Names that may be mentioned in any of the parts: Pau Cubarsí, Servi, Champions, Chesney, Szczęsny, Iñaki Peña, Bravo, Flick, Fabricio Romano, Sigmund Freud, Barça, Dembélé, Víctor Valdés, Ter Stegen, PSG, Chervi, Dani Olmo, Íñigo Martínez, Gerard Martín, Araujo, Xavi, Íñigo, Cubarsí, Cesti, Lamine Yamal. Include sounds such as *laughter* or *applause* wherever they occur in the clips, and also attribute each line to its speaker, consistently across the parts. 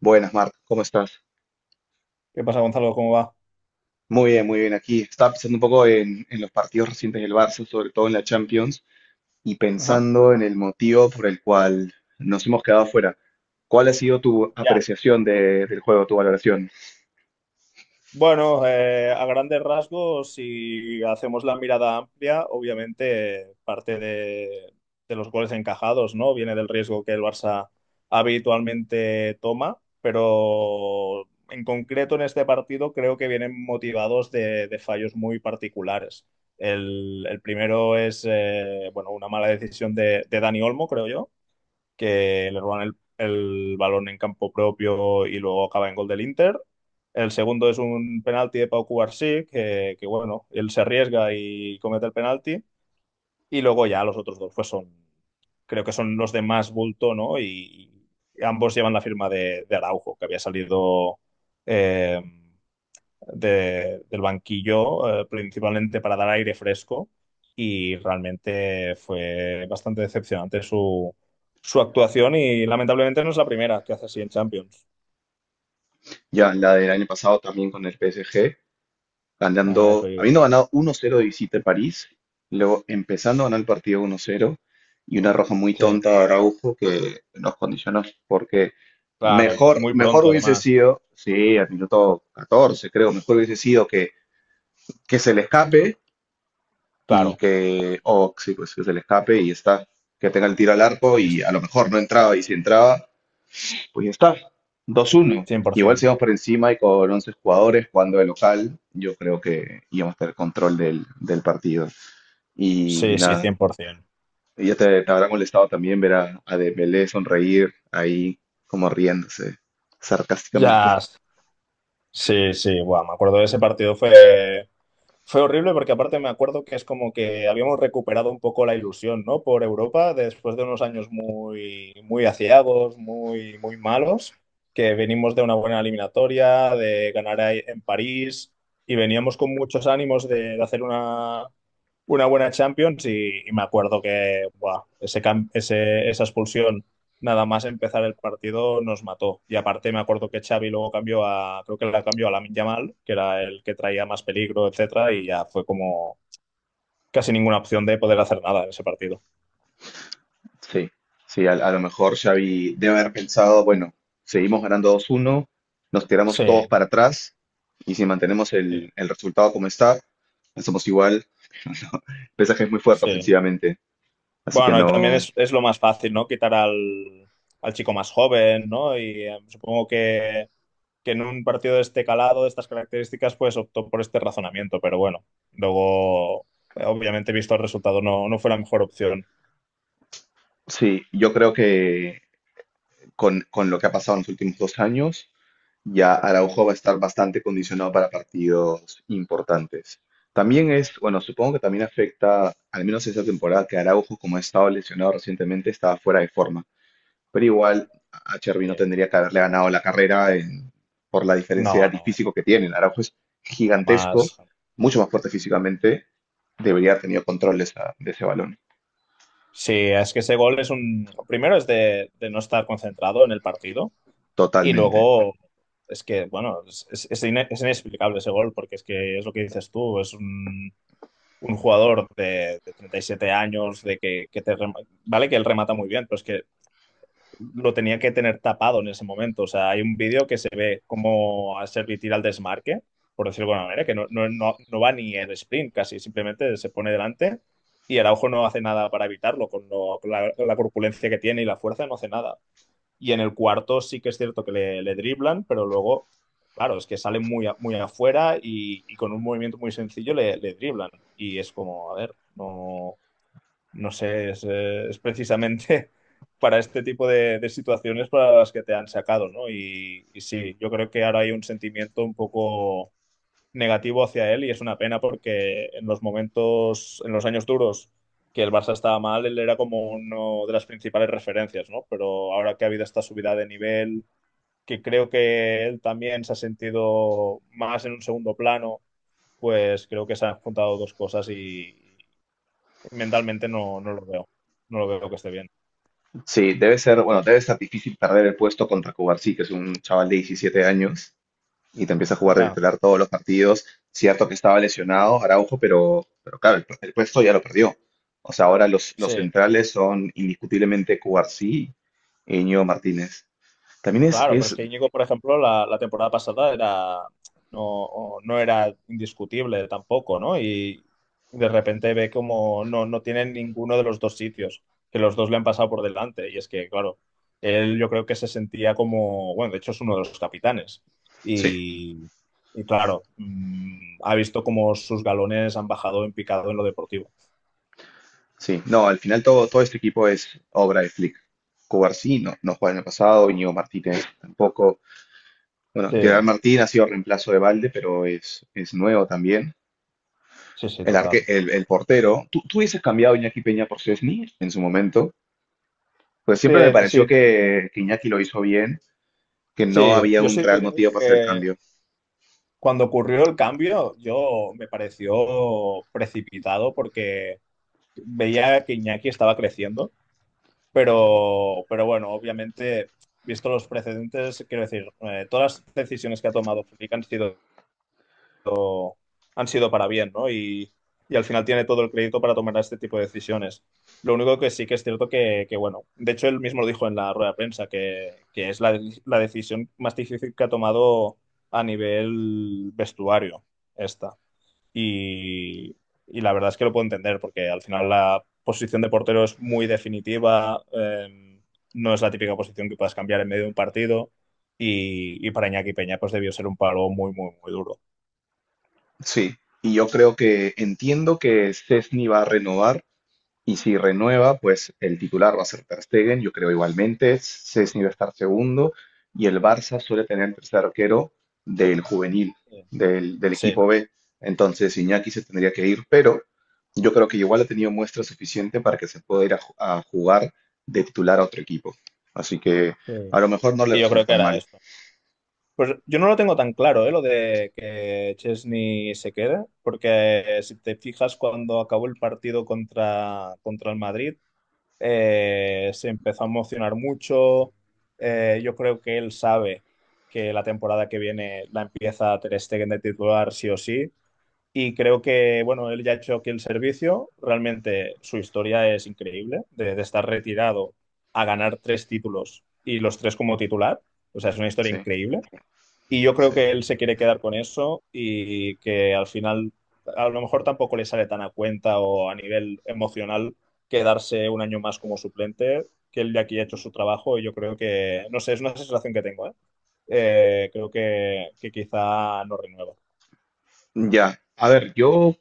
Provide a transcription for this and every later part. Speaker 1: Buenas, Marta, ¿cómo estás?
Speaker 2: ¿Qué pasa, Gonzalo? ¿Cómo va?
Speaker 1: Muy bien aquí. Estaba pensando un poco en los partidos recientes del Barça, sobre todo en la Champions, y
Speaker 2: Ajá.
Speaker 1: pensando en el motivo por el cual nos hemos quedado fuera. ¿Cuál ha sido tu
Speaker 2: Ya.
Speaker 1: apreciación del juego, tu valoración?
Speaker 2: Bueno, a grandes rasgos, si hacemos la mirada amplia, obviamente parte de los goles encajados, ¿no? Viene del riesgo que el Barça habitualmente toma, pero en concreto en este partido creo que vienen motivados de fallos muy particulares. El primero es, bueno, una mala decisión de Dani Olmo, creo yo que le roban el balón en campo propio y luego acaba en gol del Inter. El segundo es un penalti de Pau Cubarsí, que bueno, él se arriesga y comete el penalti. Y luego ya los otros dos, creo que son los de más bulto, ¿no? Y ambos llevan la firma de Araujo, que había salido. eh, del banquillo, principalmente para dar aire fresco, y realmente fue bastante decepcionante su actuación y lamentablemente no es la primera que hace así en Champions.
Speaker 1: Ya, la del año pasado también con el PSG,
Speaker 2: A eso
Speaker 1: ganando,
Speaker 2: iba.
Speaker 1: habiendo ganado 1-0 de visita en París, luego empezando a ganar el partido 1-0 y una roja muy
Speaker 2: Sí,
Speaker 1: tonta de Araujo que nos condicionó porque
Speaker 2: claro, y
Speaker 1: mejor,
Speaker 2: muy
Speaker 1: mejor
Speaker 2: pronto
Speaker 1: hubiese
Speaker 2: además,
Speaker 1: sido, sí, al minuto 14 creo, mejor hubiese sido que se le escape y
Speaker 2: claro,
Speaker 1: que, o sí, pues que se le escape y está, que tenga el tiro al arco
Speaker 2: sí,
Speaker 1: y a lo
Speaker 2: sí,
Speaker 1: mejor no entraba y si entraba pues ya está, 2-1. Igual
Speaker 2: 100%.
Speaker 1: si vamos por encima y con 11 jugadores jugando de local, yo creo que íbamos a tener control del partido. Y
Speaker 2: Sí, sí,
Speaker 1: nada,
Speaker 2: 100%.
Speaker 1: y ya te habrá molestado también ver a Dembélé sonreír ahí como riéndose sarcásticamente.
Speaker 2: Ya, sí, sí, buah, me acuerdo de ese partido, fue. Fue horrible porque aparte me acuerdo que es como que habíamos recuperado un poco la ilusión, ¿no? Por Europa después de unos años muy, muy aciagos, muy, muy malos, que venimos de una buena eliminatoria, de ganar ahí en París y veníamos con muchos ánimos de hacer una buena Champions y me acuerdo que, buah, esa expulsión nada más empezar el partido nos mató. Y aparte me acuerdo que Xavi luego cambió a, creo que la cambió a Lamine Yamal, que era el que traía más peligro, etcétera, y ya fue como casi ninguna opción de poder hacer nada en ese partido.
Speaker 1: Sí, sí, a lo mejor Xavi debe haber pensado, bueno, seguimos ganando 2-1, nos tiramos todos
Speaker 2: Sí,
Speaker 1: para atrás y si mantenemos
Speaker 2: sí,
Speaker 1: el resultado como está, somos igual. PSG es muy fuerte
Speaker 2: sí.
Speaker 1: ofensivamente, así que
Speaker 2: Bueno, y también
Speaker 1: no.
Speaker 2: es lo más fácil, ¿no? Quitar al chico más joven, ¿no? Y supongo que en un partido de este calado, de estas características, pues optó por este razonamiento, pero bueno, luego, obviamente, visto el resultado, no, no fue la mejor opción.
Speaker 1: Sí, yo creo que con lo que ha pasado en los últimos dos años, ya Araujo va a estar bastante condicionado para partidos importantes. También es, bueno, supongo que también afecta, al menos esta temporada, que Araujo, como ha estado lesionado recientemente, estaba fuera de forma. Pero igual a Chervi no
Speaker 2: Eh,
Speaker 1: tendría que haberle ganado la carrera por la diferencia de
Speaker 2: no,
Speaker 1: edad y
Speaker 2: no,
Speaker 1: físico que tienen. Araujo es gigantesco,
Speaker 2: jamás.
Speaker 1: mucho más fuerte físicamente, debería haber tenido control de de ese balón,
Speaker 2: Sí, es que ese gol es un. Primero es de no estar concentrado en el partido y
Speaker 1: totalmente.
Speaker 2: luego es que, bueno, es inexplicable ese gol porque es que es lo que dices tú, es un jugador de 37 años, que te... rema-. Vale que él remata muy bien, pero es que lo tenía que tener tapado en ese momento. O sea, hay un vídeo que se ve como a Servi tira al desmarque, por decirlo de alguna manera, que no, no, no, no va ni el sprint casi, simplemente se pone delante y Araujo no hace nada para evitarlo, con, con la corpulencia que tiene y la fuerza no hace nada. Y en el cuarto sí que es cierto que le driblan, pero luego, claro, es que sale muy, muy afuera y con un movimiento muy sencillo le driblan. Y es como, a ver, no sé, es precisamente *laughs* para este tipo de situaciones para las que te han sacado, ¿no? Y sí, yo creo que ahora hay un sentimiento un poco negativo hacia él y es una pena porque en los momentos, en los años duros que el Barça estaba mal, él era como uno de las principales referencias, ¿no? Pero ahora que ha habido esta subida de nivel, que creo que él también se ha sentido más en un segundo plano, pues creo que se han juntado dos cosas y mentalmente no, no lo veo. No lo veo que esté bien.
Speaker 1: Sí, debe ser, bueno, debe estar difícil perder el puesto contra Cubarsí, que es un chaval de 17 años y te empieza a jugar de
Speaker 2: Ya,
Speaker 1: titular todos los partidos. Cierto que estaba lesionado Araujo, pero claro, el puesto ya lo perdió. O sea, ahora los
Speaker 2: sí,
Speaker 1: centrales son indiscutiblemente Cubarsí y Íñigo Martínez. También es,
Speaker 2: claro, pero es
Speaker 1: es,
Speaker 2: que Íñigo, por ejemplo, la temporada pasada era no, no era indiscutible tampoco, ¿no? Y de repente ve como no, no tiene ninguno de los dos sitios, que los dos le han pasado por delante. Y es que, claro, él yo creo que se sentía como, bueno, de hecho es uno de los capitanes.
Speaker 1: sí,
Speaker 2: Y, y claro, mm, ha visto como sus galones han bajado en picado en lo deportivo.
Speaker 1: sí, no, al final todo este equipo es obra de Flick. Cubarsí no juega en el pasado, Íñigo Martínez tampoco. Bueno,
Speaker 2: Sí,
Speaker 1: Gerard Martín ha sido reemplazo de Valde, pero es nuevo también.
Speaker 2: sí, sí, total.
Speaker 1: El portero. ¿Tú hubieses cambiado a Iñaki Peña por Szczęsny en su momento? Pues siempre me
Speaker 2: Te-
Speaker 1: pareció
Speaker 2: si.
Speaker 1: que Iñaki lo hizo bien, que no
Speaker 2: Sí,
Speaker 1: había
Speaker 2: yo
Speaker 1: un
Speaker 2: sí te
Speaker 1: real
Speaker 2: tengo
Speaker 1: motivo para hacer el
Speaker 2: que...
Speaker 1: cambio.
Speaker 2: Cuando ocurrió el cambio, yo me pareció precipitado porque veía que Iñaki estaba creciendo, pero bueno, obviamente, visto los precedentes, quiero decir, todas las decisiones que ha tomado Flick han sido para bien, ¿no? Y al final tiene todo el crédito para tomar este tipo de decisiones. Lo único que sí que es cierto que, bueno, de hecho él mismo lo dijo en la rueda de prensa, que es la decisión más difícil que ha tomado a nivel vestuario esta. Y, y la verdad es que lo puedo entender, porque al final la posición de portero es muy definitiva, no es la típica posición que puedas cambiar en medio de un partido, y para Iñaki Peña pues debió ser un palo muy, muy, muy duro.
Speaker 1: Sí, y yo creo que entiendo que Szczęsny va a renovar. Y si renueva, pues el titular va a ser Ter Stegen, yo creo igualmente. Szczęsny va a estar segundo y el Barça suele tener el tercer arquero del juvenil, del
Speaker 2: Sí,
Speaker 1: equipo B. Entonces Iñaki se tendría que ir, pero yo creo que igual ha tenido muestra suficiente para que se pueda ir a, a jugar de titular a otro equipo. Así que a
Speaker 2: sí.
Speaker 1: lo mejor no le
Speaker 2: Y yo
Speaker 1: resulta
Speaker 2: creo que
Speaker 1: tan
Speaker 2: era
Speaker 1: mal.
Speaker 2: eso. Pues yo no lo tengo tan claro, ¿eh? Lo de que Chesney se quede, porque si te fijas, cuando acabó el partido contra el Madrid, se empezó a emocionar mucho. Yo creo que él sabe que la temporada que viene la empieza Ter Stegen de titular sí o sí. Y creo que, bueno, él ya ha hecho aquí el servicio. Realmente su historia es increíble, de estar retirado a ganar tres títulos y los tres como titular. O sea, es una historia
Speaker 1: Sí,
Speaker 2: increíble. Y yo creo
Speaker 1: sí.
Speaker 2: que él se quiere quedar con eso y que al final, a lo mejor tampoco le sale tan a cuenta o a nivel emocional quedarse un año más como suplente, que él ya aquí ha hecho su trabajo y yo creo que, no sé, es una sensación que tengo, ¿eh? Creo que quizá no renueva.
Speaker 1: Ya, a ver, yo.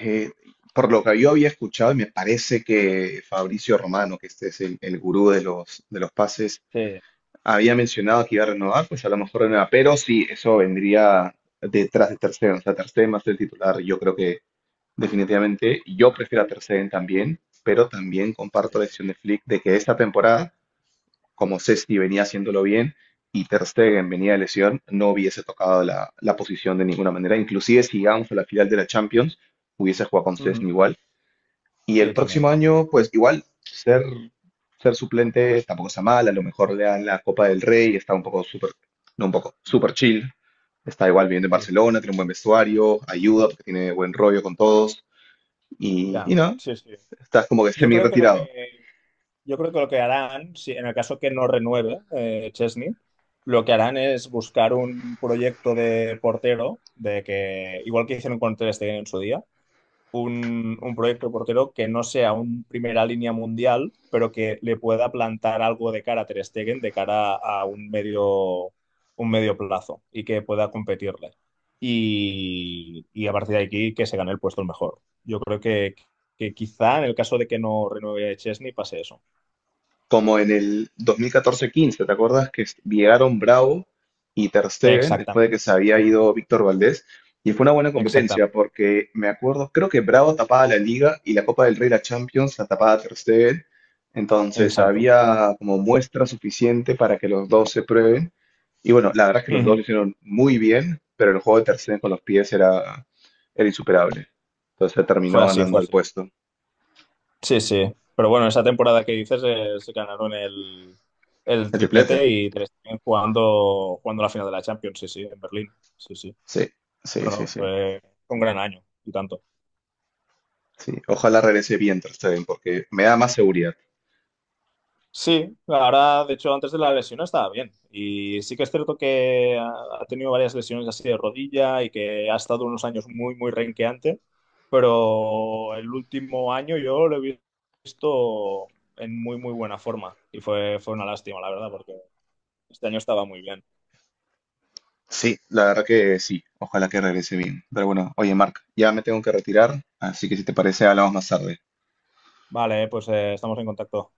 Speaker 1: Eh, por lo que yo había escuchado, y me parece que Fabricio Romano, que este es el gurú de de los pases,
Speaker 2: Sí,
Speaker 1: había mencionado que iba a renovar, pues a lo mejor renueva, pero sí, eso vendría detrás de Ter Stegen, o sea, Ter Stegen va a ser el titular, yo creo que definitivamente, yo prefiero a Ter Stegen también, pero también
Speaker 2: sí.
Speaker 1: comparto la decisión de Flick de que esta temporada, como Cesti venía haciéndolo bien, y Ter Stegen venía de lesión, no hubiese tocado la posición de ninguna manera, inclusive si llegamos a la final de la Champions, hubiese jugado con Cesti
Speaker 2: Ujú.
Speaker 1: igual, y el
Speaker 2: Sí,
Speaker 1: próximo
Speaker 2: también.
Speaker 1: año, pues igual, ser suplente tampoco está mal. A lo mejor le dan la Copa del Rey, está un poco súper, no un poco, súper chill. Está igual viviendo en
Speaker 2: Sí, sí.
Speaker 1: Barcelona, tiene un buen vestuario, ayuda porque tiene buen rollo con todos. Y
Speaker 2: Ya,
Speaker 1: no,
Speaker 2: sí, sí.
Speaker 1: estás como que
Speaker 2: Yo
Speaker 1: semi
Speaker 2: creo que lo que,
Speaker 1: retirado.
Speaker 2: yo creo que lo que harán, si en el caso que no renueve Chesney, lo que harán es buscar un proyecto de portero, de que, igual que hicieron con Ter Stegen en su día, un proyecto de portero que no sea un primera línea mundial, pero que le pueda plantar algo de cara a Ter Stegen, de cara a un medio plazo y que pueda competirle. Y a partir de aquí que se gane el puesto el mejor. Yo creo que quizá en el caso de que no renueve Chesney pase eso.
Speaker 1: Como en el 2014-15, ¿te acuerdas que llegaron Bravo y Ter Stegen después de
Speaker 2: Exactamente,
Speaker 1: que se había ido Víctor Valdés? Y fue una buena competencia
Speaker 2: exactamente,
Speaker 1: porque me acuerdo, creo que Bravo tapaba la Liga y la Copa del Rey, la Champions, la tapaba Ter Stegen. Entonces
Speaker 2: exacto. *laughs*
Speaker 1: había como muestra suficiente para que los dos se prueben. Y bueno, la verdad es que los dos
Speaker 2: Ujú.
Speaker 1: lo hicieron muy bien, pero el juego de Ter Stegen con los pies era insuperable. Entonces
Speaker 2: Fue
Speaker 1: terminó
Speaker 2: así, fue
Speaker 1: ganando el
Speaker 2: así.
Speaker 1: puesto.
Speaker 2: Sí, sí. Pero bueno, esa temporada que dices se ganaron el
Speaker 1: El triplete.
Speaker 2: triplete y Ter Stegen jugando, jugando la final de la Champions, sí, sí, en Berlín. Sí, sí.
Speaker 1: Sí, sí,
Speaker 2: No,
Speaker 1: sí,
Speaker 2: no,
Speaker 1: sí.
Speaker 2: fue un gran año y tanto.
Speaker 1: Sí, ojalá regrese bien Ter Stegen, porque me da más seguridad.
Speaker 2: Sí, ahora, de hecho, antes de la lesión estaba bien. Y sí que es cierto que ha ha tenido varias lesiones así de rodilla y que ha estado unos años muy, muy renqueante. Pero el último año yo lo he visto en muy, muy buena forma. Y fue, fue una lástima, la verdad, porque este año estaba muy bien.
Speaker 1: Sí, la verdad que sí, ojalá que regrese bien. Pero bueno, oye, Marc, ya me tengo que retirar, así que si te parece, hablamos más tarde.
Speaker 2: Vale, pues estamos en contacto.